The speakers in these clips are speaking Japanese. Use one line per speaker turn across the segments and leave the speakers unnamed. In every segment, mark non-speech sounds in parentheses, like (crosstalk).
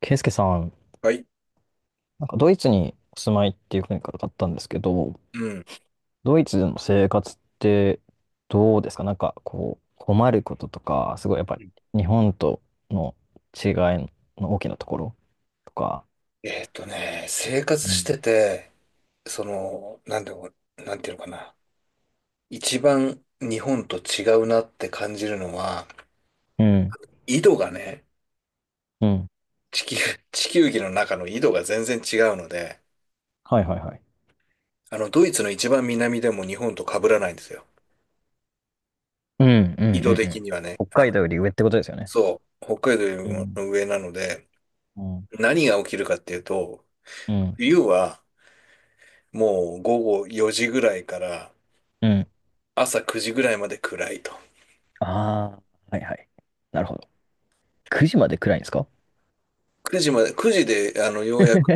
ケイスケさん、
はい。
なんかドイツにお住まいっていう国からかったんですけど、
うん。
ドイツでの生活ってどうですか。なんかこう、困ることとか、すごいやっぱ
う
り
ん
日本との違いの大きなところとか。
生
う
活し
ん
てて、その、なんでも、なんていうのかな。一番日本と違うなって感じるのは、
うん、
緯度がね、
うん。
地球、(laughs) 地球儀の中の緯度が全然違うので、
はいはいはい。
ドイツの一番南でも日本と被らないんですよ。
うん、うん、う
緯度
ん、う
的に
ん。
はね、
北海道より上ってことですよね。
そう、北海道
う
より
ん、
も上なので、
うん、
何が起きるかっていうと、
うん、
冬はもう午後4時ぐらいから
うん。
朝9時ぐらいまで暗いと。
ああ、はいはい。なるほど。9時まで暗いんですか？ (laughs)
9時まで、9時で、ようやく、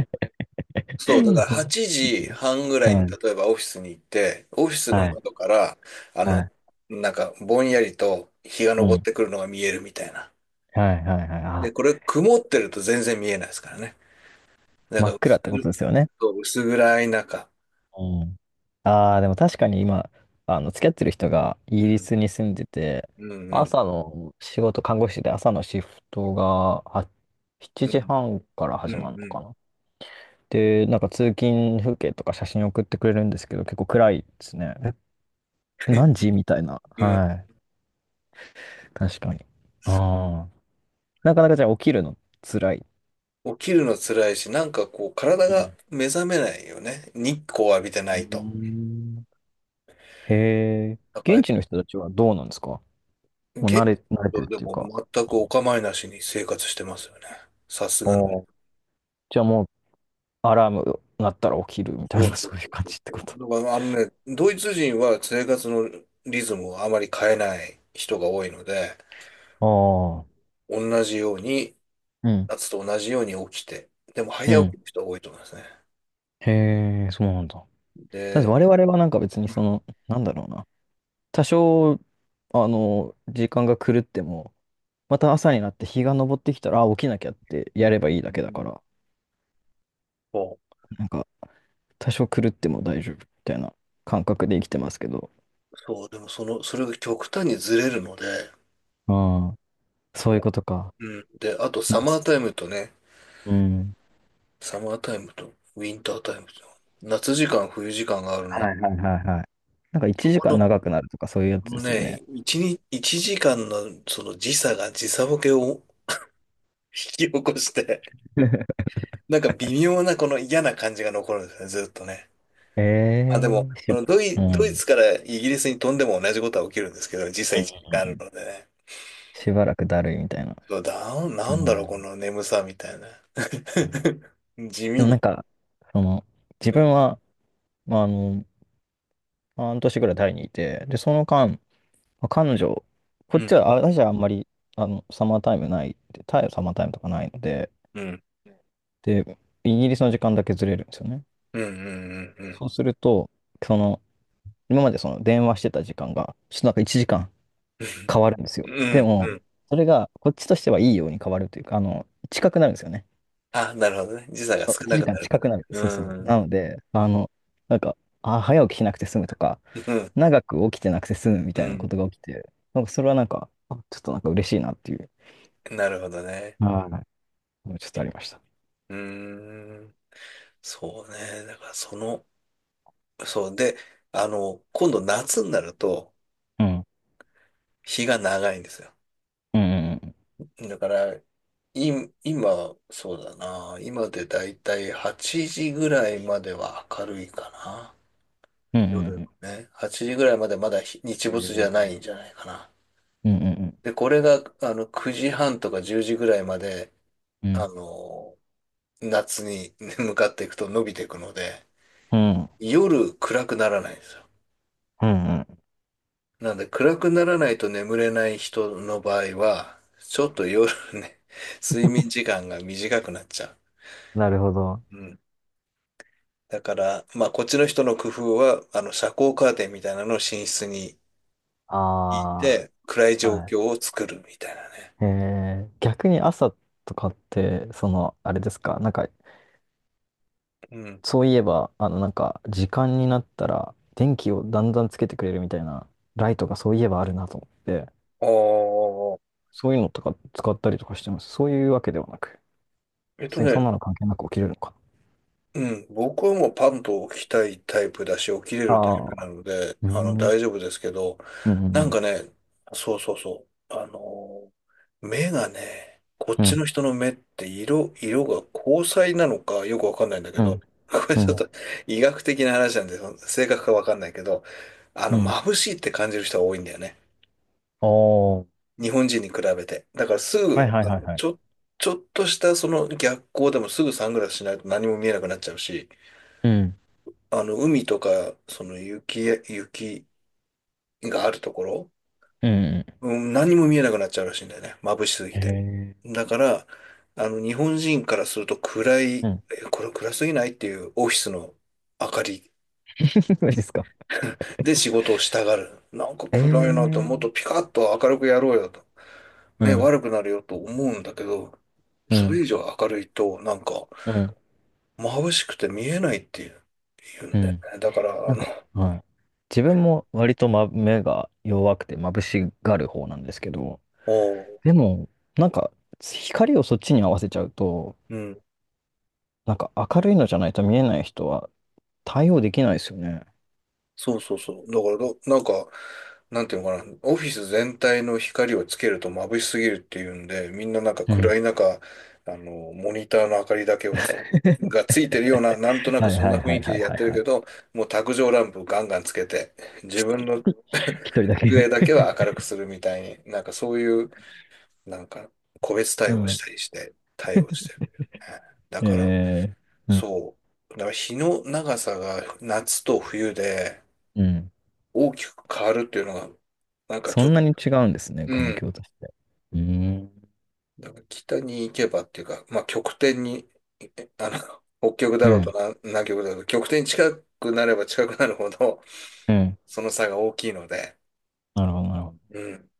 そう、だから8時半ぐらい
は
に、
い。
例えばオフィスに行って、オフィスの
はい。
窓から、あの、
はい。
ぼんやりと日が
う
昇っ
ん。
てくるのが見えるみたいな。
はいはいはい。
で、
あ、
これ、曇ってると全然見えないですからね。だ
真
から、
っ暗ってことですよね。
薄暗い中。
うん。ああ、でも確かに今、付き合ってる人がイ
う
ギリ
ん、
スに住んでて、
うん、うん、
朝の仕事、看護師で朝のシフトがは7
うん、
時半から
う
始ま
ん、
るの
うん。
かな。で、なんか通勤風景とか写真送ってくれるんですけど、結構暗いですね。え、何時みたいな。
うん。
はい。確かに。ああ。なかなかじゃあ起きるの辛い。
起きるの辛いし、なんかこう、体
う
が
ん。
目覚めないよね。日光浴びて
う
な
ー
いと。
ん。へえ。
だか
現
ら、
地の人たちはどうなんですか。もう慣
現地
れ、慣れてる
は
っ
で
ていう
も
か、
全く
う
お
ん。
構いなしに生活してますよね。さすがに。
おー。じゃあもうアラーム鳴ったら起きるみた
そ
い
う、
な、(laughs)
そ
そういう感じってこと。
う、だからあのね、ドイツ人は生活のリズムをあまり変えない人が多いので、
ああ、
同じように、
うん、
夏と同じように起きて、でも
う
早起
ん。
きの人が多いと思いますね。
へえ、そうなんだ。だって
で、
我々はなんか別に
う
そ
ん。
の、なんだろうな。多少、時間が狂っても、また朝になって日が昇ってきたら、あ、起きなきゃって
うん、
やればいいだけだ
う
か
ん、
ら、
そ
なんか、多少狂っても大丈夫みたいな感覚で生きてますけど。
う、そうでもその、それが極端にずれるので、
ああ、そう
い
いう
や、
ことか。
うん。で、あとサマー
夏。
タイムとね、
うん。
サマータイムとウィンタータイムと、夏時間、冬時間がある
は
の。
いはいはいはい。なんか
そ
1
こ
時間
の
長くなるとかそういうや
あ
つ
の
ですよね。
ね、一日、一時間のその時差が時差ボケを引き起こして、
(laughs)
(laughs) なんか微妙なこの嫌な感じが残るんですね、ずっとね。
え
まあ、でも、
えー、
こ
し、
の
うん。う
ドイ
ん
ツからイギリスに飛んでも同じことは起きるんですけど、時
うん
差一時間あ
う
る
ん。
のでね。
しばらくだるいみたいな。
そうだ、
う
なんだろう、こ
ん、
の眠さみたいな。
うん。
(laughs) 地
で
味
もなん
に。
か、その、自
うん。
分は、まあ、半年ぐらいタイにいて、で、その間、まあ彼女、こっ
う
ち
ん。
は、あ、私はあんまり、サマータイムない、でタイはサマータイムとかないので、
うん。
で、イギリスの時間だけずれるんですよね。
うん。うん。うん。
そうすると、その、今までその電話してた時間が、ちょっとなんか1時間変わるんですよ。
う
で
ん。
も、
うん。
それがこっちとしてはいいように変わるというか、近くなるんですよね。
あ、なるほどね。時差が
そ、
少
1
なく
時
な
間
るか
近
も。
くなる。そうそうそ
う
う。な
ん。
ので、なんか、あ、早起きしなくて済むとか、
うん。
長く起きてなくて済むみ
う
たいなこ
ん。
とが起きて、なんかそれはなんか、あ、ちょっとなんか嬉しいなっていう、
なるほどね。
はい、ちょっとありました。
うーん。そうね。だからその、そう。で、あの、今度夏になると
うん。
日が長いんですよ。
うんうん
だから、い、今、そうだな。今でだいたい8時ぐらいまでは明るいかな。
うん。うんうんう
夜
ん。
のね。8時ぐらいまでまだ日日没じゃ
え
な
ー。
いんじゃないかな。
うんうん
で、これが、9時半とか10時ぐらいまで、
うん。う
あ
ん。
の、夏に (laughs) 向かっていくと伸びていくので、
うん。
夜暗くならないんですよ。
うんうん。
なんで暗くならないと眠れない人の場合は、ちょっと夜ね、(laughs) 睡眠時間が短くなっちゃ
なるほど。
う。うん。だから、まあこっちの人の工夫は、あの遮光カーテンみたいなのを寝室に引い
あ
て、暗い
あ、
状
は
況を作るみたいなね。
い。えー、逆に朝とかって、その、あれですか、なんか
うん。
そういえば、なんか、時間になったら、電気をだんだんつけてくれるみたいな、ライトがそういえばあるなと思って、
ああ、
そういうのとか使ったりとかしてます。そういうわけではなく、
えっと
別に
ね、
そんなの関係なく起きれるのか
うん、僕はもうパンと起きたいタイプだし、起きれ
な。
るタイプ
あ
な
あ、
ので、
うん、うん、
大丈夫ですけど、
う
なん
ん、
かね、そうそうそう、あのー、目がね、こっ
う
ち
ん、
の人の目って色、色が虹彩なのかよくわかんないんだけ
う
ど、
ん、
(laughs) これ
う
ちょっ
ん、
と医学的な話なんで、正確かわかんないけど、
うん。
眩しいって感じる人が多いんだよね。
ああ、は
日本人に比べて。だからす
いはい
ぐ、
はいはい。
ちょっとしたその逆光でもすぐサングラスしないと何も見えなくなっちゃうし、
うん、
海とか、その雪、雪があるところ、
うん、う
うん、何も見えなくなっちゃうらしいんだよね。眩しすぎ
ん。へ
て。
え、
だから、日本人からすると暗い、
うん。
え、これ暗すぎないっていうオフィスの明かり
(laughs) マジですか。
で仕事をしたがる。なんか
え
暗いなと、もっ
え、
とピカッと明るくやろうよと。
う
目
ん、
悪くなるよと思うんだけど、
う
それ
ん、
以上明るいと、なんか
うん、
眩しくて見えないっていう、言う
う
んだよ
ん。
ね。だから、
な
あ
ん
の、
か、はい。自分も割と、ま、目が弱くて眩しがる方なんですけど、
おう、
でも、なんか、光をそっちに合わせちゃうと、
うん。
なんか明るいのじゃないと見えない人は対応できないですよね。
そうそうそう。だからど、なんか、なんていうのかな、オフィス全体の光をつけると眩しすぎるっていうんで、みんななんか
うん。
暗い中、モニターの明かりだけを
(laughs)
がついてるような、なんとなく
はい
そん
は
な
い
雰
は
囲
い
気
は
で
い
やっ
は
て
い
る
は
け
い。
ど、もう卓上ランプガンガンつけて、自分の (laughs)
(laughs) 一人だけ。
机だけは明るくするみたいに、なんかそういう、なんか、個別
(laughs) う
対応し
ん。
たりして、対応してる。だ
え
から、
え。うん。
そう。だから日の長さが夏と冬で、
うん。
大きく変わるっていうのは、なんか
そ
ちょっ
ん
と、
なに違うんですね、
う
環
ん。
境として。うーん。
だから北に行けばっていうか、まあ極点に、あの、北極だ
う
ろうと
ん。
な南極だろうと、極点に近くなれば近くなるほど、
うん。
その差が大きいので、
なるほどなるほど。
うん。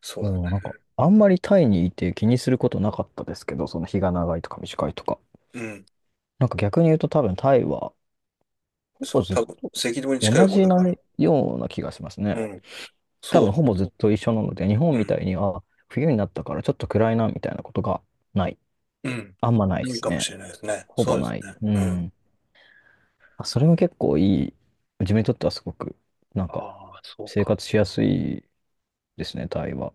そうだ
もうな
ね。
んか、あんまりタイにいて気にすることなかったですけど、その日が長いとか短いとか。
うん。
なんか逆に言うと多分タイは、ほ
そ
ぼ
う、
ずっ
多分、
と
赤道に近い
同
方
じ
だ
な
から。
ような気がします
う
ね。
ん。
多分
そ
ほぼずっと一緒なので、日本
う。う
み
ん。
たいに、あ、冬になったからちょっと暗いな、みたいなことがない。
うん。
あんまないで
いい
す
かも
ね。
しれないです
ほ
ね。
ほ
そ
ぼ
うです
ない。
ね。
う
うん。
ん。あ、それも結構いい。自分にとってはすごく、なん
あ
か、
あ、そう
生
か。
活しやすいですね、タイは。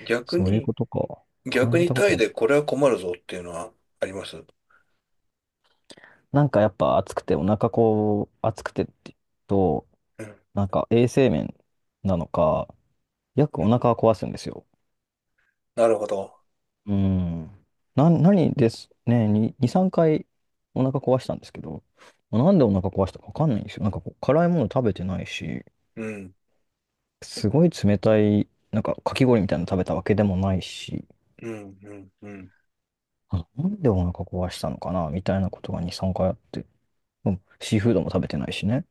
逆
そういう
に、
ことか。感
逆
じ
に
たこ
タ
と、
イでこれは困るぞっていうのはあります。う
なんかやっぱ暑くて、お腹こう、暑くてって言うと、
ん。
なんか衛生面なのか、よく
う
お
ん。
腹は壊すんですよ。
なるほど。
うん。な、何ですね、2、3回お腹壊したんですけど、なんでお腹壊したかわかんないんですよ。なんかこう、辛いもの食べてないし、
うん。
すごい冷たい、なんかかき氷みたいなの食べたわけでもないし、
うん、うん、うん、
あ、なんでお腹壊したのかな、みたいなことが2、3回あって、うん、シーフードも食べてないしね。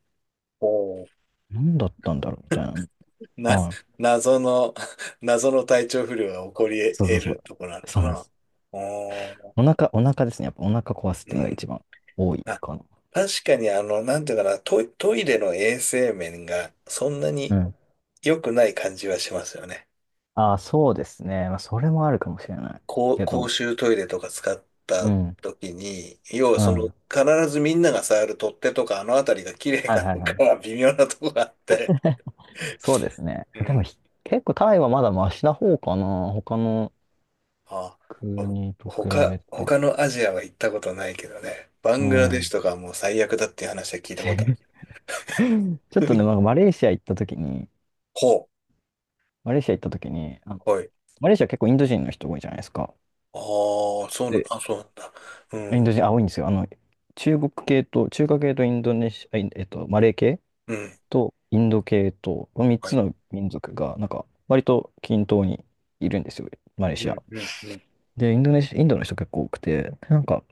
おお。
なんだったんだろう、みたいな。
な、
はい。
謎の、(laughs) 謎の体調不良が起こり
そう
得
そうそ
る
う。
とこなの
そ
か
うなんで
な。
す。
おお。
お腹ですね。やっぱお腹壊すっ
う
ていうのが一
ん。
番多い
あ、
かな。
確かにあの、なんていうかな、トイ、トイレの衛生面がそんな
う
に
ん。
良くない感じはしますよね。
ああ、そうですね。まあ、それもあるかもしれない。
公、
け
公
ど、
衆トイレとか使っ
う
た
ん。
時に、要は
う
その、
ん。
必ずみんなが触る取っ手とかあのあたりが綺麗
はい
か
は
ど
い
う
は
か
い。
は微妙なとこがあって、
そうですね。
う
でも
ん。
ひ、結構タイはまだマシな方かな。他の
あ、
国と比べて。
他のアジアは行ったことないけどね。バ
う
ングラデシ
ん。
ュとかはもう最悪だっていう話は聞いたことある。
(laughs) ちょっとね、
(laughs) ほ
マレーシア行った時に、あ、
う。はい。
マレーシア結構インド人の人多いじゃないですか。
ああ、そうな、あ、
で、
そうなんだ。う
イン
ん。
ド人、あ、多いんですよ。中国系と、中華系とインドネシア、あいえっと、マレー系
うん。
とインド系と、この3
は
つ
い。
の民族が、なんか、割と均等にいるんですよ、マレー
う
シ
ん。
ア。
うん。うん。
で、インドネシア、インドの人結構多くて、なんか、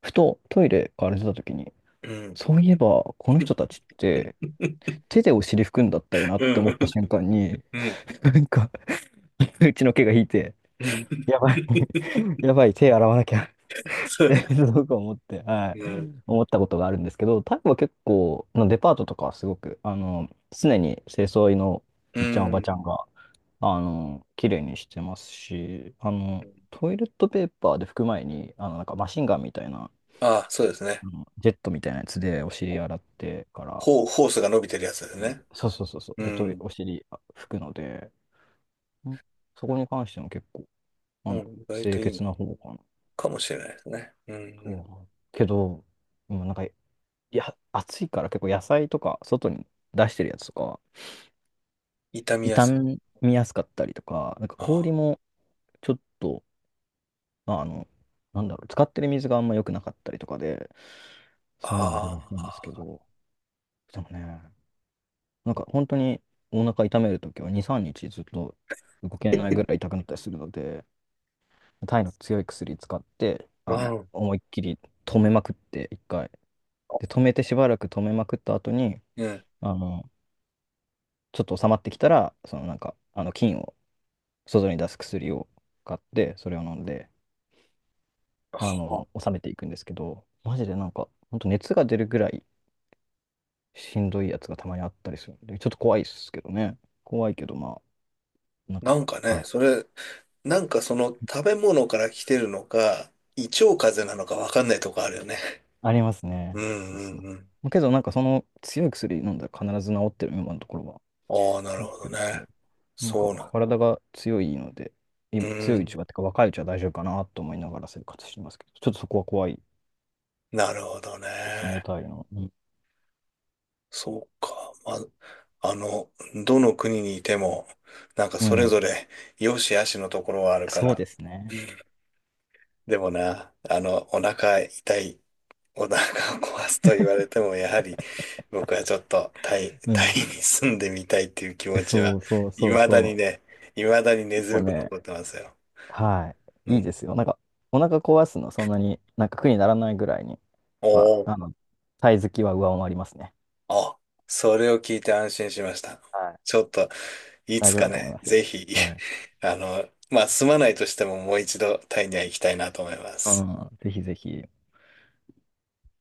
ふとトイレから出た時に、
うん。
そういえば、この人たちって、
(laughs)
手でお尻拭くんだったよなっ
う
て思った
ん。
瞬間に、
うん。
なんか、(laughs) うちの毛が引いて、
(laughs) うん。
やばい、(laughs) やばい、手洗わなきゃ (laughs) っ
そ
て
う。
すごく思って、はい、
うん。
思ったことがあるんですけど、タイは結構、のデパートとかはすごく、常に清掃員の
う
おじちゃん、おばち
ん。
ゃんが、綺麗にしてますし、トイレットペーパーで拭く前に、なんかマシンガンみたいな、
ああ、そうですね。
あのジェットみたいなやつでお尻
ほ
洗ってから、
ほう、ホースが伸びてるやつですね。
そうそうそうそう、
う
で、トイレ、
ん。
お尻あ拭くので、ん、そこに関しても結構、あ
うん、
の、
意外
清
といいの
潔な方かな
かもしれないですね。うん。う
とは
ん。
思うけど、う、なんかいや、暑いから結構野菜とか外に出してるやつとかは
痛みや
傷
すい。
みやすかったりとか、なんか
あ
氷もちょっと、まあ、なんだろう、使ってる水があんま良くなかったりとかで、そういうのあるらし
あ。
いんですけ
あ
ど、でもね、なんか本当にお腹痛めるときは2、3日ずっと動けないぐらい痛くなったりするので、タイの強い薬使って、
あ。うん。
思いっきり止めまくって、一回。で、止めてしばらく止めまくった後に、
うん。
あの、ちょっと収まってきたら、そのなんか、菌を外に出す薬を買って、それを飲んで、
あ、
収めていくんですけど、マジでなんか、ほんと熱が出るぐらいしんどいやつがたまにあったりするんで、ちょっと怖いですけどね。怖いけど、まあ、なん
な
か、
んかね、
はい。
それ、なんかその食べ物から来てるのか、胃腸風邪なのかわかんないとこあるよね。
あります
うん、
ね。そ
う
うそ
ん、うん。
う。けど、なんかその強い薬飲んだら必ず治ってる、今のところは。
ああ、な
治
るほ
っ
ど
てるん
ね。
で、なんか
そうなん。
体が強いので、今
う
強いう
ん。
ちは、ってか若いうちは大丈夫かなと思いながら生活してますけど、ちょっとそこは怖い
なるほど
ですね、
ね。
タイの。うん。
そうか。まあ、どの国にいても、なんか
う
それ
ん、
ぞれ良し悪しのところはあるか
そう
ら。
ですね。
でもな、お腹痛い、お腹を壊すと言われても、やはり僕はちょっと
う
タイ
ん。
に住んでみたいっていう気持ちは、
そうそう
い
そう
まだに
そ
ね、いまだに根
う。も
強
う
く
ね、
残ってますよ。
は
う
い。いい
ん。
ですよ。なんか、お腹壊すの、そんなに、なんか苦にならないぐらいに
お
は、
お、
タイ好きは上回りますね。
あ、それを聞いて安心しました。
はい。
ちょっと、い
大
つ
丈夫
か
だと思い
ね、
ますよ。
ぜひ、
はい。
(laughs) まあ、住まないとしてももう一度タイには行きたいなと思いま
う
す。
ん、ぜひぜひ。